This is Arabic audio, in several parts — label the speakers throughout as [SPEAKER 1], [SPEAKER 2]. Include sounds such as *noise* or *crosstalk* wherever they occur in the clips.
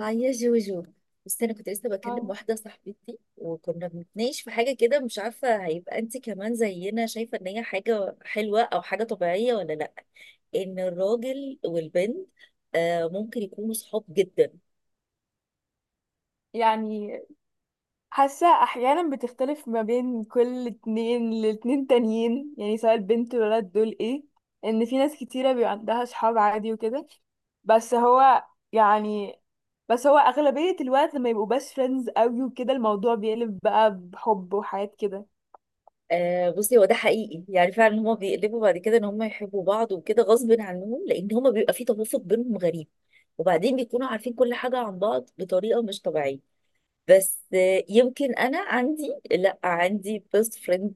[SPEAKER 1] اه يا جوجو. بس انا كنت لسه بكلم
[SPEAKER 2] اه،
[SPEAKER 1] واحده صاحبتي وكنا بنتناقش في حاجه كده، مش عارفه هيبقى انت كمان زينا شايفه ان هي حاجه حلوه او حاجه طبيعيه ولا لا. ان الراجل والبنت آه ممكن يكونوا صحاب جدا.
[SPEAKER 2] يعني حاسة أحيانا بتختلف ما بين كل اتنين لاتنين تانيين، يعني سواء البنت والولد دول ايه، إن في ناس كتيرة بيبقى عندها صحاب عادي وكده. بس هو يعني بس هو أغلبية الوقت لما يبقوا بس فريندز قوي وكده الموضوع بيقلب بقى بحب وحاجات كده.
[SPEAKER 1] آه بصي، هو ده حقيقي، يعني فعلا هما بيقلبوا بعد كده ان هما يحبوا بعض وكده غصب عنهم، لان هما بيبقى في توافق بينهم غريب. وبعدين بيكونوا عارفين كل حاجه عن بعض بطريقه مش طبيعيه. بس يمكن انا عندي، لا عندي بيست فريند.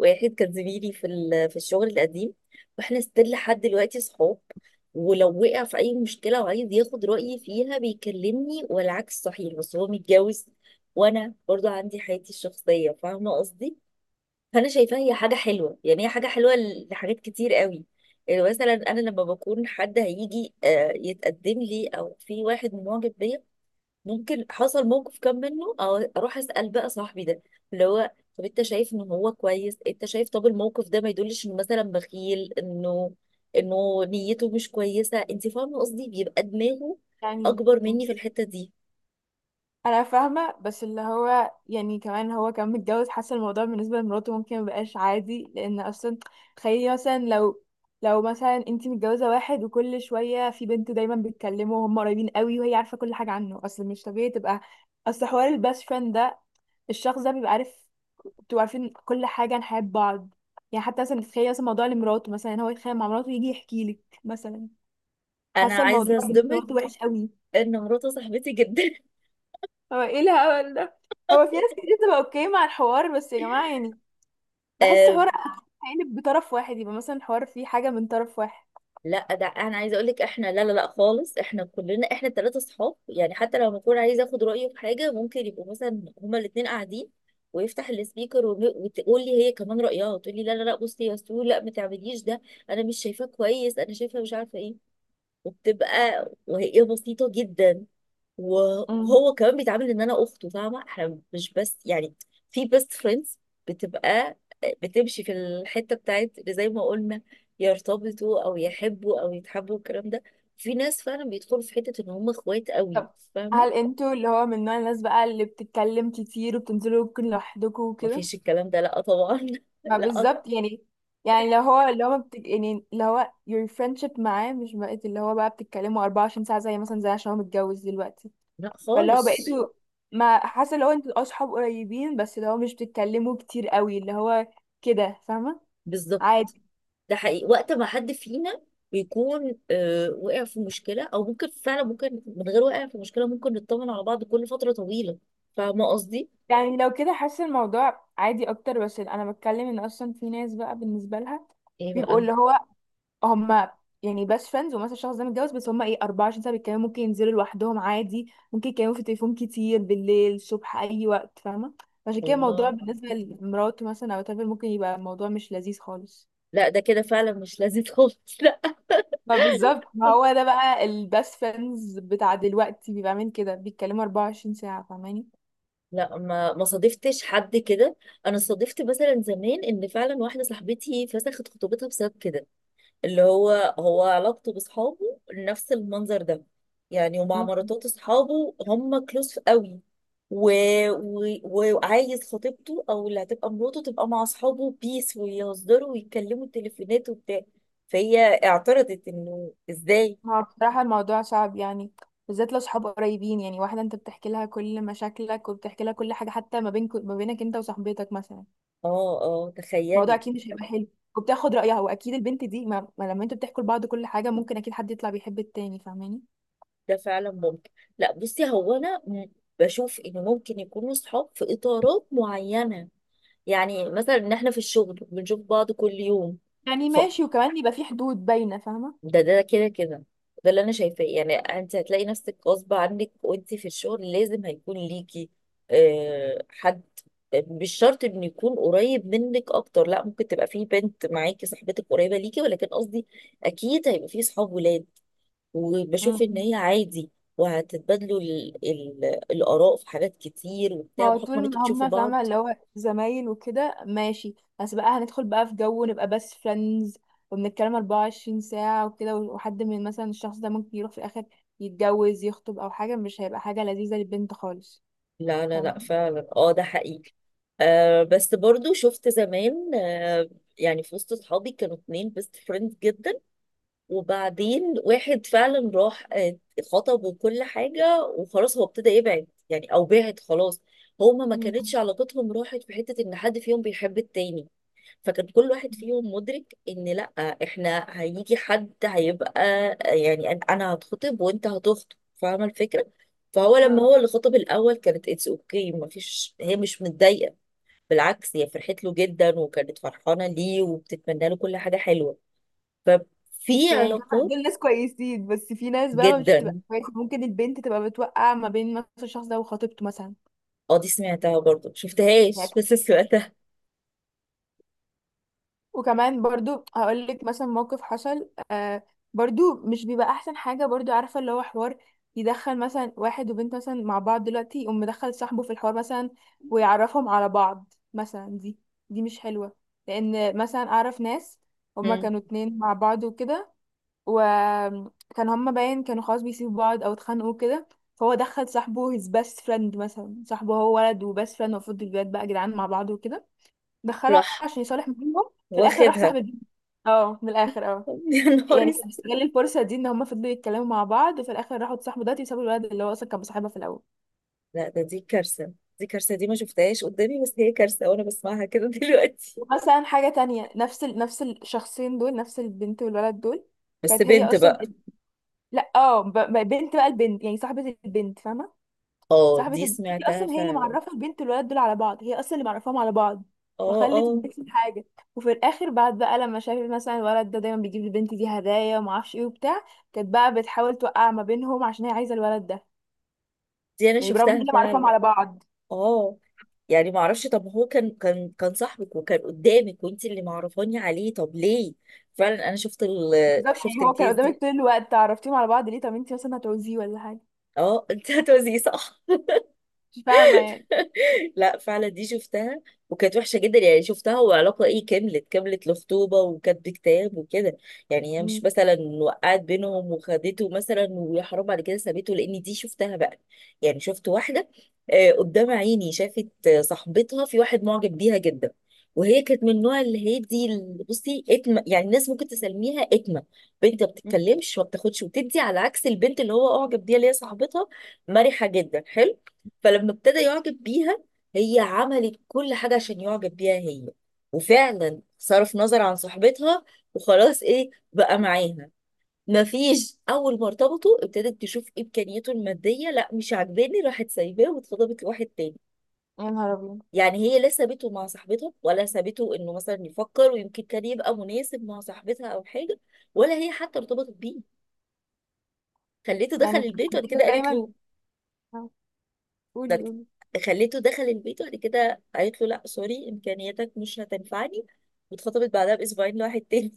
[SPEAKER 1] واحد كان زميلي في في الشغل القديم. واحنا ستيل لحد دلوقتي صحاب. ولو وقع في اي مشكله وعايز ياخد رايي فيها بيكلمني، والعكس صحيح. بس هو متجوز، وانا برضو عندي حياتي الشخصيه، فاهمه قصدي؟ فانا شايفاها هي حاجه حلوه، يعني هي حاجه حلوه لحاجات كتير قوي. يعني مثلا انا لما بكون حد هيجي يتقدم لي، او في واحد معجب بيا، ممكن حصل موقف كان منه، أو اروح اسال بقى صاحبي ده، اللي هو طب انت شايف ان هو كويس؟ انت شايف طب الموقف ده ما يدلش انه مثلا بخيل، انه انه نيته مش كويسه؟ انت فاهمه قصدي؟ بيبقى دماغه
[SPEAKER 2] يعني
[SPEAKER 1] اكبر مني في
[SPEAKER 2] بس
[SPEAKER 1] الحته دي.
[SPEAKER 2] انا فاهمه، بس اللي هو يعني كمان هو كان متجوز، حاسه الموضوع بالنسبه لمراته ممكن مبقاش عادي، لان اصلا تخيلي مثلا لو مثلا انتي متجوزه واحد وكل شويه في بنت دايما بتكلمه وهم قريبين قوي وهي عارفه كل حاجه عنه، اصل مش طبيعي تبقى. اصل حوار الباست فريند ده، الشخص ده بيبقى عارف، بتبقوا عارفين كل حاجه عن حياه بعض. يعني حتى مثلا تخيلي مثلا موضوع لمراته، مثلا هو يتخانق مع مراته يجي يحكي لك مثلا،
[SPEAKER 1] انا
[SPEAKER 2] حاسه الموضوع
[SPEAKER 1] عايزه
[SPEAKER 2] بالنسبه لمراته
[SPEAKER 1] اصدمك
[SPEAKER 2] وحش قوي.
[SPEAKER 1] ان مراته صاحبتي جدا.
[SPEAKER 2] هو ايه الهبل ده؟ هو في ناس كتير بتبقى اوكي مع الحوار، بس يا جماعة، يعني بحس حوار
[SPEAKER 1] *laughs*
[SPEAKER 2] هيقلب بطرف واحد، يبقى مثلا حوار فيه حاجة من طرف واحد.
[SPEAKER 1] لا، ده انا عايزه اقول لك احنا لا لا لا خالص، احنا كلنا احنا الثلاثه صحاب. يعني حتى لما اكون عايزه اخد رايه في حاجه ممكن يبقوا مثلا هما الاثنين قاعدين، ويفتح السبيكر وتقول لي هي كمان رايها، وتقول لي لا لا لا بصي يا سو، لا ما تعمليش ده، انا مش شايفاه كويس، انا شايفه مش عارفه ايه. وبتبقى وهي بسيطه جدا.
[SPEAKER 2] امم
[SPEAKER 1] وهو كمان بيتعامل ان انا اخته، فاهمه؟ احنا مش بس يعني في بيست فريندز، بتبقى بتمشي في الحته بتاعت اللي زي ما قلنا يرتبطوا او يحبوا او يتحبوا الكلام ده. في ناس فعلا بيدخلوا في حته ان هم اخوات قوي،
[SPEAKER 2] طب
[SPEAKER 1] فاهمه؟
[SPEAKER 2] هل انتوا اللي هو من نوع الناس بقى اللي بتتكلم كتير وبتنزلوا ممكن لوحدكم وكده؟
[SPEAKER 1] مفيش الكلام ده، لا طبعا.
[SPEAKER 2] ما
[SPEAKER 1] *laughs* لا
[SPEAKER 2] بالظبط يعني. يعني لو هو اللي هو ما بتك... يعني اللي هو your friendship معاه مش بقت، اللي هو بقى بتتكلموا 24 ساعة زي مثلا، زي عشان هو متجوز دلوقتي.
[SPEAKER 1] لا
[SPEAKER 2] فاللي هو
[SPEAKER 1] خالص،
[SPEAKER 2] بقيتوا، ما حاسة اللي هو انتوا اصحاب قريبين بس اللي هو مش بتتكلموا كتير قوي اللي هو كده، فاهمة؟
[SPEAKER 1] بالظبط.
[SPEAKER 2] عادي.
[SPEAKER 1] ده حقيقي وقت ما حد فينا بيكون وقع في مشكله، او ممكن فعلا ممكن من غير وقع في مشكله، ممكن نطمن على بعض كل فتره طويله، فاهمه قصدي؟
[SPEAKER 2] يعني لو كده حاسه الموضوع عادي اكتر، بس انا بتكلم ان اصلا في ناس بقى بالنسبه لها
[SPEAKER 1] ايه
[SPEAKER 2] بيبقوا
[SPEAKER 1] بقى.
[SPEAKER 2] اللي هو هم يعني بس فريندز، ومثلا الشخص ده متجوز بس هم ايه، 24 ساعه بيتكلموا، ممكن ينزلوا لوحدهم عادي، ممكن يتكلموا في التليفون كتير بالليل الصبح اي وقت، فاهمه؟ عشان كده الموضوع
[SPEAKER 1] الله،
[SPEAKER 2] بالنسبه لمراته مثلا او تامر ممكن يبقى الموضوع مش لذيذ خالص.
[SPEAKER 1] لا ده كده فعلا مش لذيذ خالص، لا.
[SPEAKER 2] ما بالظبط، ما هو ده بقى البس فريندز بتاع دلوقتي بيبقى عامل كده، بيتكلموا 24 ساعه، فاهماني؟
[SPEAKER 1] لا ما صادفتش حد كده. انا صادفت مثلا زمان ان فعلا واحده صاحبتي فسخت خطوبتها بسبب كده، اللي هو هو علاقته باصحابه نفس المنظر ده، يعني ومع مراتات اصحابه هم كلوز قوي. و... و... وعايز خطيبته او اللي هتبقى مراته تبقى مع اصحابه بيس، ويهزروا ويتكلموا التليفونات وبتاع. فهي اعترضت انه ازاي.
[SPEAKER 2] هو بصراحة الموضوع صعب يعني، بالذات لو صحاب قريبين، يعني واحدة انت بتحكي لها كل مشاكلك وبتحكي لها كل حاجة حتى ما بينك، ما بينك انت وصاحبتك مثلا،
[SPEAKER 1] اه اه
[SPEAKER 2] الموضوع
[SPEAKER 1] تخيلي،
[SPEAKER 2] اكيد مش هيبقى حلو. وبتاخد رأيها، واكيد البنت دي ما لما انتوا بتحكوا لبعض كل حاجة ممكن اكيد حد يطلع بيحب التاني، فاهماني؟
[SPEAKER 1] ده فعلا ممكن. لا بصي، هو انا بشوف ان ممكن يكونوا صحاب في اطارات معينه. يعني مثلا ان احنا في الشغل بنشوف بعض كل يوم.
[SPEAKER 2] يعني
[SPEAKER 1] ف
[SPEAKER 2] ماشي، وكمان يبقى في حدود باينة،
[SPEAKER 1] ده ده كده كده، ده اللي انا شايفاه. يعني انت هتلاقي نفسك غصب عنك، وانت في الشغل لازم هيكون ليكي حد. مش شرط انه يكون قريب منك اكتر، لا ممكن تبقى في بنت معاكي صاحبتك قريبه ليكي، ولكن قصدي اكيد هيبقى في صحاب ولاد. وبشوف ان
[SPEAKER 2] فاهمة؟
[SPEAKER 1] هي عادي، وهتتبادلوا الاراء في حاجات كتير
[SPEAKER 2] ما
[SPEAKER 1] وبتاع،
[SPEAKER 2] هو
[SPEAKER 1] بحكم ان
[SPEAKER 2] طول
[SPEAKER 1] انتوا
[SPEAKER 2] ما
[SPEAKER 1] بتشوفوا
[SPEAKER 2] هما فاهمة
[SPEAKER 1] بعض.
[SPEAKER 2] اللي هو زمايل وكده ماشي، بس بقى هندخل بقى في جو ونبقى بس فريندز وبنتكلم 24 ساعة وكده، وحد من مثلا الشخص ده ممكن يروح في الآخر يتجوز يخطب أو حاجة، مش هيبقى حاجة لذيذة للبنت خالص.
[SPEAKER 1] لا لا لا،
[SPEAKER 2] تمام.
[SPEAKER 1] فعلا اه ده حقيقي. آه، بس برضو شفت زمان يعني. في وسط اصحابي كانوا اتنين بيست فريند جدا، وبعدين واحد فعلا راح خطب وكل حاجة، وخلاص هو ابتدى يبعد يعني او بعد خلاص. هما ما كانتش
[SPEAKER 2] مم.
[SPEAKER 1] علاقتهم راحت في حتة ان حد فيهم بيحب التاني، فكان كل واحد فيهم مدرك ان لا، احنا هيجي حد هيبقى، يعني انا هتخطب وانت هتخطب، فاهمه الفكره؟ فهو لما
[SPEAKER 2] آه.
[SPEAKER 1] هو اللي خطب الاول كانت اتس اوكي، ما فيش هي مش متضايقه، بالعكس هي فرحت له جدا، وكانت فرحانه ليه، وبتتمنى له كل حاجه حلوه.
[SPEAKER 2] بس
[SPEAKER 1] ففي
[SPEAKER 2] يعني فاهمة
[SPEAKER 1] علاقات
[SPEAKER 2] دول ناس كويسين، بس في ناس بقى مش بتبقى
[SPEAKER 1] جدا.
[SPEAKER 2] كويسة، ممكن البنت تبقى بتوقع ما بين مثلا الشخص ده وخطيبته مثلا.
[SPEAKER 1] اه دي سمعتها برضه،
[SPEAKER 2] يعني
[SPEAKER 1] شفتهاش بس سمعتها.
[SPEAKER 2] وكمان برضو هقول لك مثلا موقف حصل، برضو مش بيبقى احسن حاجه، برضو عارفه اللي هو حوار يدخل مثلا واحد وبنت مثلا مع بعض دلوقتي يقوم مدخل صاحبه في الحوار مثلا ويعرفهم على بعض مثلا، دي دي مش حلوه. لان مثلا اعرف ناس هما
[SPEAKER 1] مم.
[SPEAKER 2] كانوا اتنين مع بعض وكده، وكان هما باين كانوا خلاص بيسيبوا بعض او اتخانقوا كده، فهو دخل صاحبه his best friend مثلا، صاحبه هو ولد وبس friend، المفروض الولاد بقى جدعان مع بعض وكده، دخلها
[SPEAKER 1] راح
[SPEAKER 2] عشان يصالح ما بينهم، في الاخر راح صاحب
[SPEAKER 1] واخدها.
[SPEAKER 2] البنت. اه، من الاخر اه.
[SPEAKER 1] *laughs* يا نهار،
[SPEAKER 2] يعني كان بيستغل الفرصه دي، ان هما فضلوا يتكلموا مع بعض وفي الاخر راحوا اتصاحبوا دلوقتي وسابوا الولد اللي هو اصلا كان مصاحبها في الاول.
[SPEAKER 1] لا ده دي كارثة. دي كارثة، دي ما شفتهاش قدامي، بس هي كارثة وانا بسمعها كده *laughs* دلوقتي.
[SPEAKER 2] ومثلا حاجه تانية نفس نفس الشخصين دول، نفس البنت والولد دول.
[SPEAKER 1] بس
[SPEAKER 2] كانت هي
[SPEAKER 1] بنت
[SPEAKER 2] اصلا،
[SPEAKER 1] بقى.
[SPEAKER 2] لا اه بنت بقى، البنت يعني صاحبه البنت، فاهمه؟
[SPEAKER 1] اه
[SPEAKER 2] صاحبة
[SPEAKER 1] دي
[SPEAKER 2] البنت دي
[SPEAKER 1] سمعتها
[SPEAKER 2] اصلا هي اللي
[SPEAKER 1] فعلا.
[SPEAKER 2] معرفة البنت والولد دول على بعض، هي اصلا اللي معرفاهم على بعض،
[SPEAKER 1] اه
[SPEAKER 2] وخلت
[SPEAKER 1] اه
[SPEAKER 2] البنت الحاجة، وفي الاخر بعد بقى لما شافت مثلا الولد ده دايما بيجيب للبنت دي هدايا وما اعرفش ايه وبتاع، كانت بقى بتحاول توقع ما بينهم عشان هي عايزة الولد ده.
[SPEAKER 1] دي انا
[SPEAKER 2] يعني برغم ان هي
[SPEAKER 1] شفتها
[SPEAKER 2] اللي معرفاهم
[SPEAKER 1] فعلا.
[SPEAKER 2] على بعض.
[SPEAKER 1] اه يعني ما اعرفش، طب هو كان صاحبك وكان قدامك، وانت اللي معرفاني عليه، طب ليه؟ فعلا انا شفت ال،
[SPEAKER 2] بالظبط،
[SPEAKER 1] شفت
[SPEAKER 2] يعني هو كان
[SPEAKER 1] الكيس دي.
[SPEAKER 2] قدامك طول الوقت، عرفتيهم على بعض ليه؟ طب انت مثلا هتعوزيه ولا حاجة؟
[SPEAKER 1] اه *laughs* انت هتوزي صح.
[SPEAKER 2] مش فاهمة يعني.
[SPEAKER 1] *laughs* لا فعلا دي شفتها، وكانت وحشة جدا. يعني شفتها وعلاقة ايه، كملت كملت لخطوبة وكاتب كتاب وكده. يعني هي مش
[SPEAKER 2] مم.
[SPEAKER 1] مثلا وقعت بينهم وخدته مثلا ويا حرام بعد كده سابته، لان دي شفتها بقى. يعني شفت واحدة قدام عيني شافت صاحبتها في واحد معجب بيها جدا. وهي كانت من النوع اللي هي دي بصي اتمه، يعني الناس ممكن تسميها اتمه، بنت ما
[SPEAKER 2] مم.
[SPEAKER 1] بتتكلمش وما بتاخدش وتدي، على عكس البنت اللي هو اعجب بيها اللي هي صاحبتها مرحه جدا حلو. فلما ابتدى يعجب بيها، هي عملت كل حاجة عشان يعجب بيها هي، وفعلا صرف نظر عن صاحبتها، وخلاص ايه بقى معاها. مفيش، اول ما ارتبطوا ابتدت تشوف امكانياته الماديه، لا مش عاجباني، راحت سايباه واتخطبت لواحد تاني.
[SPEAKER 2] يا نهار ابيض.
[SPEAKER 1] يعني هي لا سابته مع صاحبتها، ولا سابته انه مثلا يفكر ويمكن كان يبقى مناسب مع صاحبتها او حاجه، ولا هي حتى ارتبطت بيه. خليته دخل
[SPEAKER 2] يعني
[SPEAKER 1] البيت
[SPEAKER 2] عشان
[SPEAKER 1] وبعد
[SPEAKER 2] كده
[SPEAKER 1] كده قالت
[SPEAKER 2] دايما،
[SPEAKER 1] له، ده
[SPEAKER 2] قولي
[SPEAKER 1] بت-
[SPEAKER 2] قولي.
[SPEAKER 1] خليته دخل البيت وبعد كده قالت له لا سوري، امكانياتك مش هتنفعني. واتخطبت بعدها باسبوعين لواحد تاني.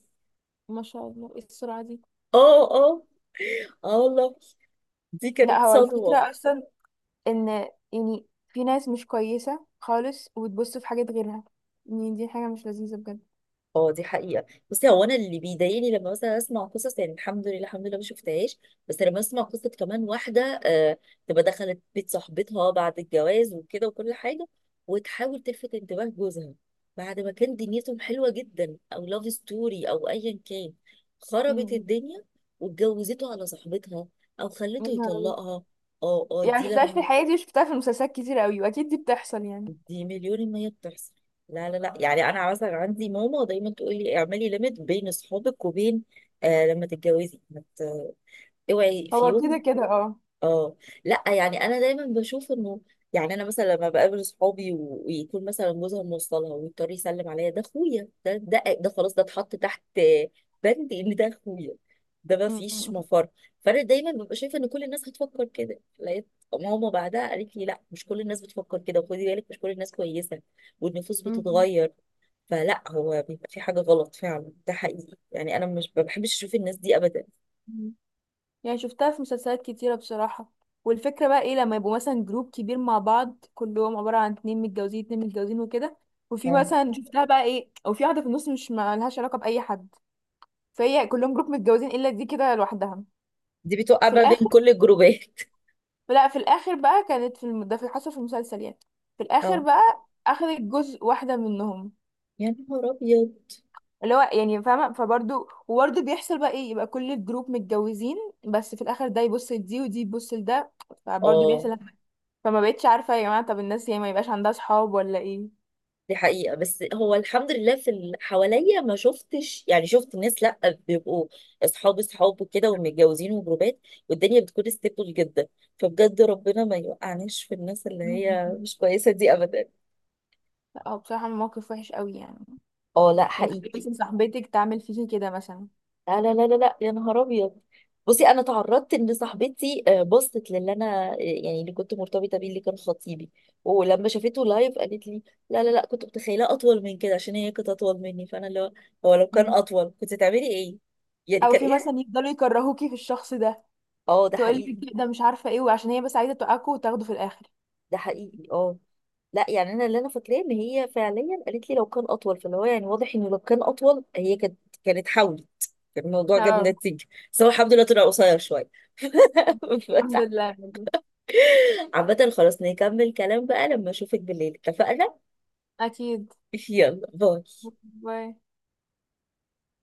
[SPEAKER 2] ما شاء الله، ايه السرعة دي؟
[SPEAKER 1] *laughs* اه اه، اه والله، دي
[SPEAKER 2] لا
[SPEAKER 1] كانت
[SPEAKER 2] هو
[SPEAKER 1] صدمه.
[SPEAKER 2] الفكرة أصلا ان يعني في ناس مش كويسة خالص وتبص في حاجات غيرها، يعني دي حاجة مش لذيذة بجد.
[SPEAKER 1] اه دي حقيقة. بصي هو انا اللي بيضايقني لما مثلا اسمع قصص، يعني الحمد لله الحمد لله ما شفتهاش. بس لما اسمع قصة كمان واحدة تبقى دخلت بيت صاحبتها بعد الجواز وكده وكل حاجة، وتحاول تلفت انتباه جوزها، بعد ما كان دنيتهم حلوة جدا او لاف ستوري او ايا كان، خربت
[SPEAKER 2] امم
[SPEAKER 1] الدنيا واتجوزته على صاحبتها، او
[SPEAKER 2] يا
[SPEAKER 1] خلته
[SPEAKER 2] نهار أبيض.
[SPEAKER 1] يطلقها. اه اه
[SPEAKER 2] يعني
[SPEAKER 1] دي
[SPEAKER 2] مشفتهاش في
[SPEAKER 1] لما.
[SPEAKER 2] حياتي وشفتها في المسلسلات كتير قوي، واكيد دي بتحصل يعني.
[SPEAKER 1] دي مليون المية بتحصل. لا لا لا، يعني انا مثلا عندي ماما دايما تقول لي اعملي ليميت بين اصحابك وبين، آه لما تتجوزي ما ت- اوعي في
[SPEAKER 2] هو كده
[SPEAKER 1] يوم.
[SPEAKER 2] كده اه.
[SPEAKER 1] اه لا، يعني انا دايما بشوف انه، يعني انا مثلا لما بقابل صحابي ويكون مثلا جوزها موصلها ويضطر يسلم عليا، ده اخويا، ده ده ده خلاص ده اتحط تحت بند ان ده اخويا، ده ما فيش
[SPEAKER 2] أمم.
[SPEAKER 1] مفر. فانا دايما ببقى شايفه ان كل الناس هتفكر كده. لقيت ماما بعدها قالت لي لا مش كل الناس بتفكر كده، وخدي بالك مش كل الناس كويسه، والنفوس
[SPEAKER 2] أمم.
[SPEAKER 1] بتتغير. فلا، هو بيبقى في حاجه غلط فعلا، ده حقيقي. يعني انا مش ما بحبش اشوف الناس دي ابدا.
[SPEAKER 2] يعني شفتها في مسلسلات كتيرة بصراحة، والفكرة بقى ايه، لما يبقوا مثلا جروب كبير مع بعض كلهم عبارة عن اتنين متجوزين اتنين متجوزين وكده، وفي مثلا
[SPEAKER 1] اه
[SPEAKER 2] شفتها بقى ايه او في واحدة في النص مش مالهاش علاقة بأي حد، فهي كلهم جروب متجوزين الا دي كده لوحدها.
[SPEAKER 1] دي بتوقع
[SPEAKER 2] في
[SPEAKER 1] بقى بين
[SPEAKER 2] الاخر،
[SPEAKER 1] كل الجروبات.
[SPEAKER 2] لا في الاخر بقى كانت ده في حصل في المسلسل يعني، في الاخر
[SPEAKER 1] اه
[SPEAKER 2] بقى اخدت جزء واحده منهم،
[SPEAKER 1] يا نهار ابيض.
[SPEAKER 2] اللي هو يعني فاهمه. فبرضه وبرضه بيحصل بقى ايه، يبقى كل الجروب متجوزين بس في الاخر ده يبص لدي ودي تبص لده، فبرضه
[SPEAKER 1] اه
[SPEAKER 2] بيحصل. فما بقتش عارفه يا جماعه، طب الناس يعني ما يبقاش عندها صحاب ولا ايه؟
[SPEAKER 1] دي حقيقة، بس هو الحمد لله في اللي حواليا ما شفتش، يعني شفت ناس لا بيبقوا اصحاب اصحاب وكده ومتجوزين وجروبات، والدنيا بتكون ستيبل جدا. فبجد ربنا ما يوقعناش في الناس اللي هي
[SPEAKER 2] مم.
[SPEAKER 1] مش كويسة دي ابدا.
[SPEAKER 2] لا هو بصراحه موقف وحش قوي يعني.
[SPEAKER 1] اه لا
[SPEAKER 2] يعني تخيلي
[SPEAKER 1] حقيقي.
[SPEAKER 2] مثلا صاحبتك تعمل فيكي كده مثلا.
[SPEAKER 1] لا لا لا لا لا، يا نهار ابيض. بصي انا تعرضت ان صاحبتي بصت للي انا يعني اللي كنت مرتبطه بيه، اللي كان خطيبي. ولما شافته لايف قالت لي لا لا لا، كنت متخيله اطول من كده، عشان هي كانت اطول مني، فانا اللي هو هو لو كان
[SPEAKER 2] مم.
[SPEAKER 1] اطول كنت تعملي ايه؟ يعني
[SPEAKER 2] او
[SPEAKER 1] كان
[SPEAKER 2] في
[SPEAKER 1] ايه.
[SPEAKER 2] مثلا يفضلوا يكرهوكي في الشخص ده،
[SPEAKER 1] اه ده حقيقي.
[SPEAKER 2] تقولي ده مش عارفه ايه وعشان هي بس عايزه توقعكوا وتاخدوا في الاخر.
[SPEAKER 1] ده حقيقي اه. لا يعني انا اللي انا فاكراه ان هي فعليا قالت لي لو كان اطول، فاللي هو يعني واضح انه لو كان اطول هي كانت حاولت، كان الموضوع جاب
[SPEAKER 2] اه.
[SPEAKER 1] نتيجه. بس هو الحمد لله طلع قصير شويه.
[SPEAKER 2] الحمد
[SPEAKER 1] *laughs*
[SPEAKER 2] لله.
[SPEAKER 1] عامة خلاص، نكمل كلام بقى لما اشوفك بالليل، اتفقنا؟
[SPEAKER 2] أكيد.
[SPEAKER 1] *laughs* يلا باي.
[SPEAKER 2] باي.